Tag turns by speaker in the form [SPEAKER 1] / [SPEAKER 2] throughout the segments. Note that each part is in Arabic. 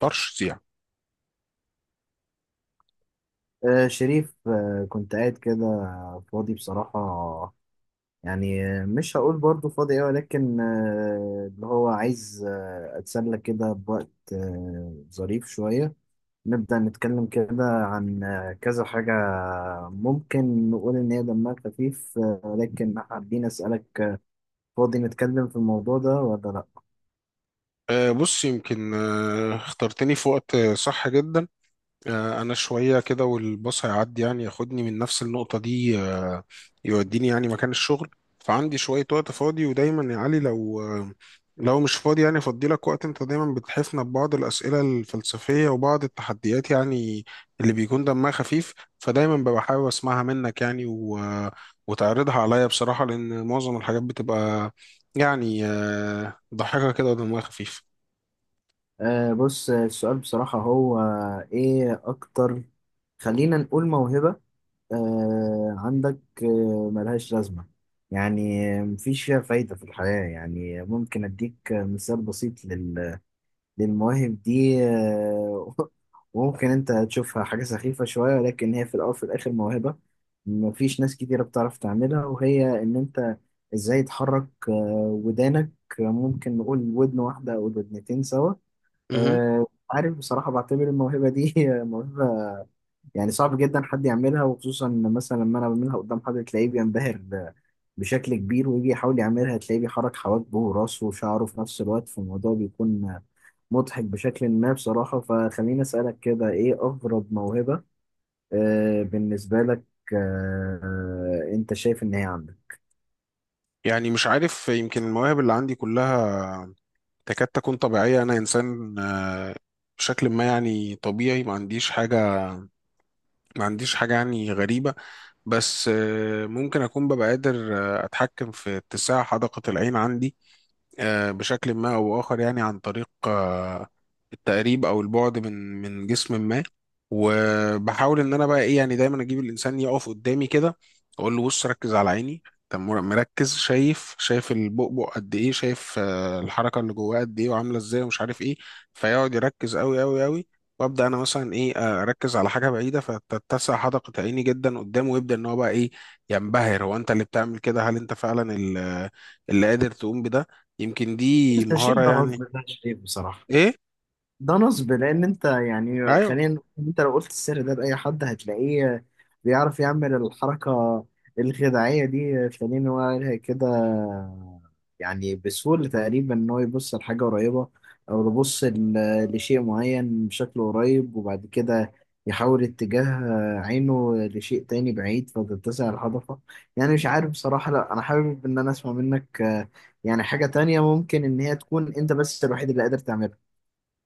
[SPEAKER 1] ترشيح.
[SPEAKER 2] آه، شريف، كنت قاعد كده فاضي بصراحة. يعني مش هقول برضو فاضي أوي، ولكن اللي هو عايز أتسلى كده بوقت ظريف شوية. نبدأ نتكلم كده عن كذا حاجة. ممكن نقول إن هي دمها خفيف، ولكن حابين أسألك، فاضي نتكلم في الموضوع ده ولا لأ؟
[SPEAKER 1] بص، يمكن اخترتني في وقت صح جدا. انا شويه كده والباص هيعدي، يعني ياخدني من نفس النقطه دي، يوديني يعني مكان الشغل. فعندي شويه وقت فاضي، ودايما يا علي لو مش فاضي يعني افضي لك وقت. انت دايما بتحفنا ببعض الاسئله الفلسفيه وبعض التحديات يعني، اللي بيكون دمها خفيف، فدايما ببقى حابب اسمعها منك يعني و... آه، وتعرضها عليا بصراحه، لان معظم الحاجات بتبقى يعني ضحكه كده ودمها خفيف.
[SPEAKER 2] بص، السؤال بصراحة هو إيه أكتر؟ خلينا نقول موهبة عندك ملهاش لازمة. يعني مفيش فيها فايدة في الحياة. يعني ممكن أديك مثال بسيط للمواهب دي وممكن أنت تشوفها حاجة سخيفة شوية، ولكن هي في الأول وفي الآخر موهبة. مفيش ناس كتيرة بتعرف تعملها، وهي إن أنت إزاي تحرك ودانك. ممكن نقول ودن واحدة أو ودنتين سوا.
[SPEAKER 1] مهم.
[SPEAKER 2] عارف، بصراحة بعتبر الموهبة دي موهبة. يعني صعب جدا حد يعملها، وخصوصا إن مثلا لما انا بعملها قدام حد تلاقيه بينبهر بشكل كبير، ويجي يحاول يعملها تلاقيه بيحرك حواجبه وراسه وشعره في نفس الوقت، فالموضوع بيكون مضحك بشكل ما بصراحة. فخليني أسألك كده، إيه أغرب موهبة بالنسبة لك أنت شايف إن هي عندك؟
[SPEAKER 1] يعني مش عارف، يمكن المواهب اللي عندي كلها تكاد تكون طبيعية. أنا إنسان بشكل ما يعني طبيعي، ما عنديش حاجة يعني غريبة. بس ممكن أكون ببقى قادر أتحكم في اتساع حدقة العين عندي، بشكل ما أو بآخر، يعني عن طريق التقريب أو البعد من جسم ما. وبحاول إن أنا بقى إيه، يعني دايما أجيب الإنسان يقف قدامي كده، أقول له: بص ركز على عيني. طب مركز، شايف البؤبؤ قد إيه، شايف الحركة اللي جواه قد إيه وعاملة إزاي ومش عارف إيه. فيقعد يركز أوي أوي أوي، وابدا انا مثلا ايه، اركز على حاجه بعيده، فتتسع حدقه عيني جدا قدامه، ويبدا ان هو بقى ايه، ينبهر. هو انت اللي بتعمل كده؟ هل انت فعلا اللي قادر تقوم بده؟ يمكن دي
[SPEAKER 2] التنشيف
[SPEAKER 1] مهارة
[SPEAKER 2] ده نصب،
[SPEAKER 1] يعني.
[SPEAKER 2] ده شايف بصراحة،
[SPEAKER 1] ايه؟
[SPEAKER 2] ده نصب، لان انت يعني
[SPEAKER 1] ايوه.
[SPEAKER 2] خلينا نقول إن انت لو قلت السر ده لاي حد هتلاقيه بيعرف يعمل الحركه الخداعيه دي، خلينا نقول كده، يعني بسهوله تقريبا ان هو يبص لحاجه قريبه، او يبص لشيء معين بشكل قريب، وبعد كده يحول اتجاه عينه لشيء تاني بعيد فتتسع الهضفه. يعني مش عارف بصراحه. لا، انا حابب ان انا اسمع منك، يعني حاجه تانية ممكن ان هي تكون انت بس الوحيد اللي قادر تعملها.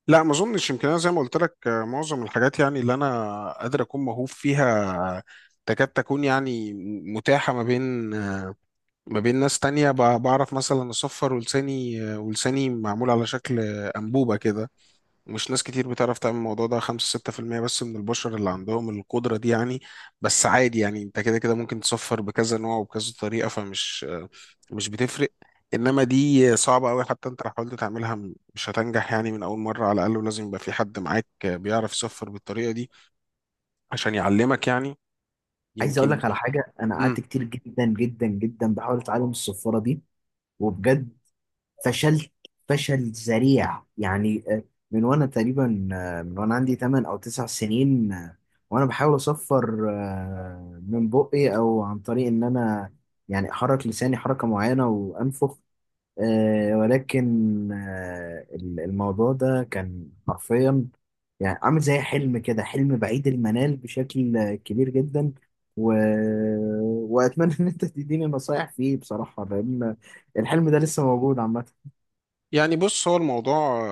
[SPEAKER 1] لا، ما اظنش. يمكن انا زي ما قلت لك معظم الحاجات يعني اللي انا قادر اكون موهوب فيها تكاد تكون يعني متاحة ما بين ناس تانية. بعرف مثلا اصفر ولساني، ولساني معمول على شكل انبوبة كده. مش ناس كتير بتعرف تعمل الموضوع ده، 5 6% بس من البشر اللي عندهم القدرة دي يعني. بس عادي، يعني انت كده كده ممكن تصفر بكذا نوع وبكذا طريقة، فمش مش بتفرق. انما دي صعبة قوي، حتى انت لو حاولت تعملها مش هتنجح يعني من اول مرة على الاقل، ولازم يبقى في حد معاك بيعرف يصفر بالطريقة دي عشان يعلمك يعني.
[SPEAKER 2] عايز اقول
[SPEAKER 1] يمكن.
[SPEAKER 2] لك على حاجه. انا قعدت
[SPEAKER 1] مم.
[SPEAKER 2] كتير جدا جدا جدا بحاول اتعلم الصفاره دي، وبجد فشلت فشل ذريع يعني. من وانا عندي 8 او 9 سنين، وانا بحاول اصفر، من بقي او عن طريق ان انا يعني احرك لساني حركه معينه وانفخ. ولكن الموضوع ده كان حرفيا، يعني عامل زي حلم كده، حلم بعيد المنال بشكل كبير جدا. و... واتمنى ان انت تديني نصايح فيه بصراحه، لان الحلم ده لسه موجود عامه.
[SPEAKER 1] يعني بص، هو الموضوع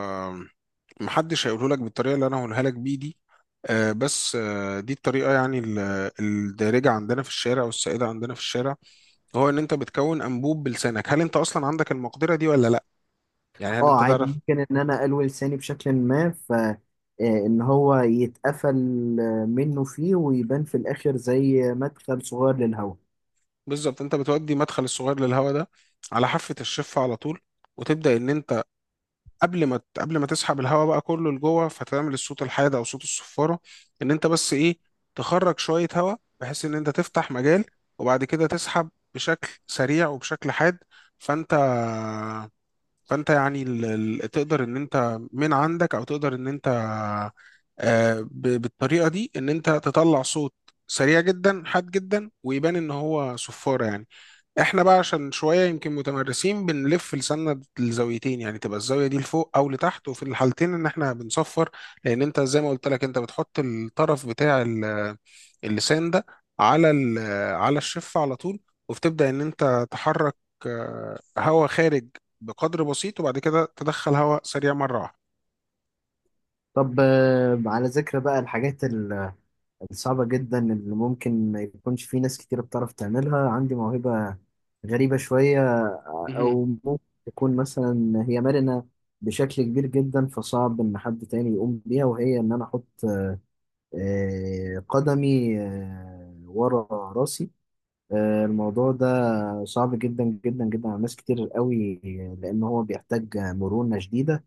[SPEAKER 1] محدش هيقوله لك بالطريقه اللي انا هقولها لك بيه دي. بس دي الطريقه يعني، الدارجه عندنا في الشارع والسائده عندنا في الشارع. هو ان انت بتكون انبوب بلسانك، هل انت اصلا عندك المقدره دي ولا لا؟ يعني هل
[SPEAKER 2] اه
[SPEAKER 1] انت
[SPEAKER 2] عادي،
[SPEAKER 1] تعرف؟
[SPEAKER 2] ممكن ان انا الوي لساني بشكل ما ف آه، ان هو يتقفل منه فيه ويبان في الاخر زي مدخل صغير للهواء.
[SPEAKER 1] بالظبط، انت بتودي مدخل الصغير للهواء ده على حافه الشفه على طول، وتبدا ان انت، قبل ما تسحب الهواء بقى كله لجوه، فتعمل الصوت الحاد او صوت الصفاره. ان انت بس ايه، تخرج شويه هواء بحيث ان انت تفتح مجال، وبعد كده تسحب بشكل سريع وبشكل حاد. فانت فانت يعني تقدر ان انت من عندك، او تقدر ان انت بالطريقه دي ان انت تطلع صوت سريع جدا حاد جدا، ويبان ان هو صفاره يعني. احنا بقى عشان شويه يمكن متمرسين بنلف لساننا الزاويتين يعني، تبقى الزاويه دي لفوق او لتحت، وفي الحالتين ان احنا بنصفر. لان انت زي ما قلت لك، انت بتحط الطرف بتاع اللسان ده على على الشفه على طول، وبتبدا ان انت تحرك هواء خارج بقدر بسيط، وبعد كده تدخل هواء سريع مره واحده.
[SPEAKER 2] طب، على ذكر بقى الحاجات صعبة جدا اللي ممكن ما يكونش في ناس كتير بتعرف تعملها، عندي موهبة غريبة شوية،
[SPEAKER 1] مهم.
[SPEAKER 2] أو ممكن تكون مثلا هي مرنة بشكل كبير جدا، فصعب إن حد تاني يقوم بيها. وهي إن أنا أحط قدمي ورا راسي. الموضوع ده صعب جدا جدا جدا على ناس كتير قوي، لأن هو بيحتاج مرونة شديدة.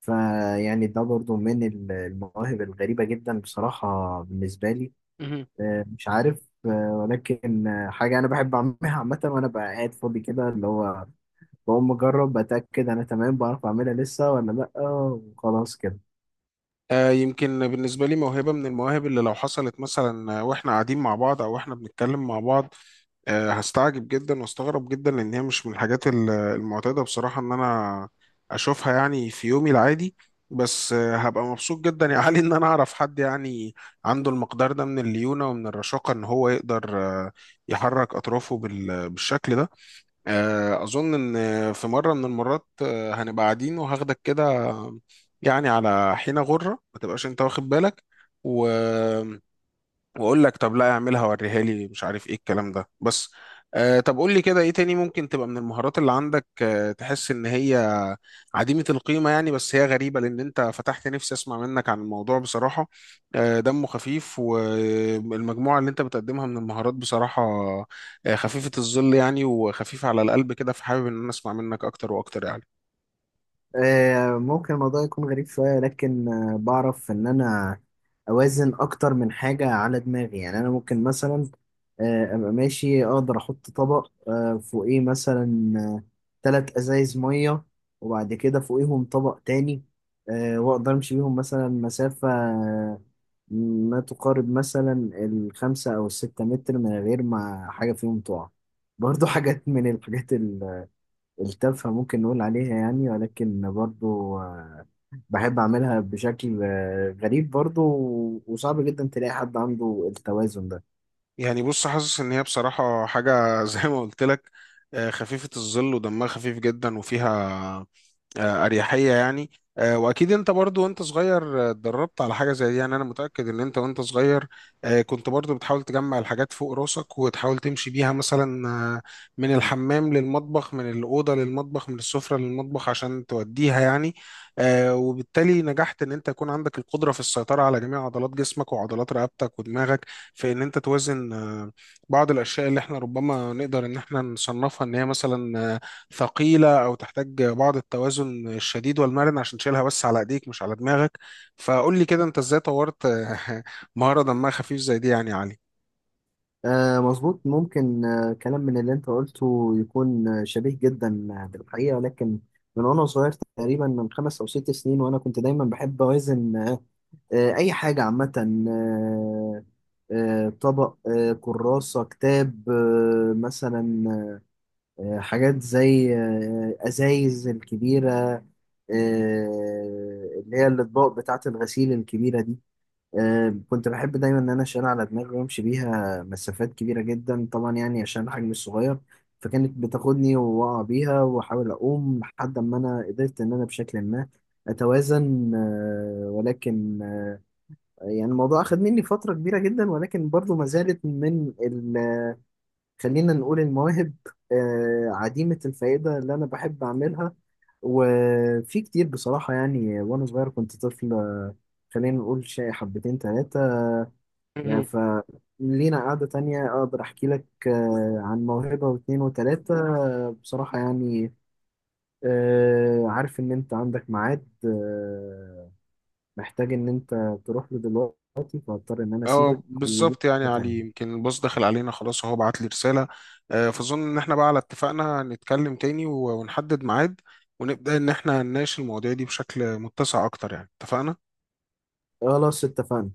[SPEAKER 2] فيعني ده برضو من المواهب الغريبة جدا بصراحة بالنسبة لي.
[SPEAKER 1] مهم.
[SPEAKER 2] مش عارف، ولكن حاجة أنا بحب أعملها عامة وأنا بقى قاعد فاضي كده، اللي هو بقوم أجرب بتأكد أنا تمام بعرف أعملها لسه ولا لأ، وخلاص كده.
[SPEAKER 1] يمكن بالنسبة لي موهبة من المواهب اللي لو حصلت مثلا واحنا قاعدين مع بعض، او واحنا بنتكلم مع بعض، هستعجب جدا واستغرب جدا، لان هي مش من الحاجات المعتادة بصراحة ان انا اشوفها يعني في يومي العادي. بس هبقى مبسوط جدا يا علي ان انا اعرف حد يعني عنده المقدار ده من الليونة ومن الرشاقة، ان هو يقدر آه، يحرك اطرافه بالشكل ده. أظن إن في مرة من المرات هنبقى قاعدين وهاخدك كده آه، يعني على حين غرة، ما تبقاش أنت واخد بالك، و... واقول لك: طب لا، اعملها وريها لي، مش عارف ايه الكلام ده، بس. طب قول لي كده، ايه تاني ممكن تبقى من المهارات اللي عندك تحس ان هي عديمة القيمة يعني، بس هي غريبة لان انت فتحت نفسي اسمع منك عن الموضوع بصراحة. دمه خفيف، والمجموعة اللي انت بتقدمها من المهارات بصراحة خفيفة الظل يعني وخفيفة على القلب كده، فحابب ان انا اسمع منك اكتر واكتر يعني.
[SPEAKER 2] ممكن الموضوع يكون غريب شوية، لكن بعرف إن أنا أوازن أكتر من حاجة على دماغي. يعني أنا ممكن مثلا أبقى ماشي أقدر أحط طبق فوقيه مثلا 3 أزايز مية، وبعد كده فوقيهم طبق تاني، وأقدر أمشي بيهم مثلا مسافة ما تقارب مثلا الخمسة أو الستة متر من غير ما حاجة فيهم تقع. برضو حاجات من الحاجات التلفة ممكن نقول عليها يعني، ولكن برضو بحب أعملها بشكل غريب برضو، وصعب جدا تلاقي حد عنده التوازن ده.
[SPEAKER 1] يعني بص، حاسس ان هي بصراحة حاجة زي ما قلت لك خفيفة الظل ودمها خفيف جدا، وفيها اريحيه يعني. واكيد انت برضو وانت صغير اتدربت على حاجه زي دي يعني. انا متاكد ان انت وانت صغير كنت برضو بتحاول تجمع الحاجات فوق راسك وتحاول تمشي بيها مثلا من الحمام للمطبخ، من الاوضه للمطبخ، من السفره للمطبخ، عشان توديها يعني. وبالتالي نجحت ان انت يكون عندك القدره في السيطره على جميع عضلات جسمك وعضلات رقبتك ودماغك، في ان انت توازن بعض الاشياء اللي احنا ربما نقدر ان احنا نصنفها ان هي مثلا ثقيلة أو تحتاج بعض التوازن الشديد والمرن، عشان تشيلها بس على إيديك مش على دماغك. فقول لي كده، أنت إزاي طورت مهارة دمها خفيف زي دي يعني يا علي؟
[SPEAKER 2] آه، مظبوط، ممكن كلام من اللي أنت قلته يكون شبيه جدا بالحقيقة. ولكن من وأنا صغير تقريبا من 5 أو 6 سنين، وأنا كنت دايما بحب أوازن، أي حاجة عامة آه، طبق كراسة كتاب مثلا حاجات زي أزايز الكبيرة، اللي هي الأطباق بتاعة الغسيل الكبيرة دي. كنت بحب دايما إن أنا أشيل على دماغي وأمشي بيها مسافات كبيرة جدا طبعا، يعني عشان الحجم الصغير. فكانت بتاخدني وأقع بيها وأحاول أقوم لحد ما أنا قدرت إن أنا بشكل ما أتوازن، ولكن يعني الموضوع أخد مني فترة كبيرة جدا، ولكن برضو ما زالت من خلينا نقول المواهب عديمة الفائدة اللي أنا بحب أعملها. وفي كتير بصراحة يعني، وأنا صغير كنت طفل، خلينا نقول شيء حبتين تلاتة. يعني
[SPEAKER 1] مهم.
[SPEAKER 2] فلينا قعدة تانية أقدر أحكي لك عن موهبة واتنين وتلاتة. بصراحة يعني، عارف إن أنت عندك ميعاد، محتاج إن أنت تروح له دلوقتي، فهضطر إن أنا
[SPEAKER 1] اه
[SPEAKER 2] أسيبك ودي
[SPEAKER 1] بالظبط، يعني يا
[SPEAKER 2] قعدة
[SPEAKER 1] علي
[SPEAKER 2] تانية.
[SPEAKER 1] يمكن الباص دخل علينا خلاص وهو بعت لي رسالة، فأظن إن إحنا بقى على اتفاقنا نتكلم تاني ونحدد ميعاد، ونبدأ إن إحنا نناقش المواضيع دي بشكل متسع أكتر يعني، اتفقنا؟
[SPEAKER 2] خلاص اتفقنا.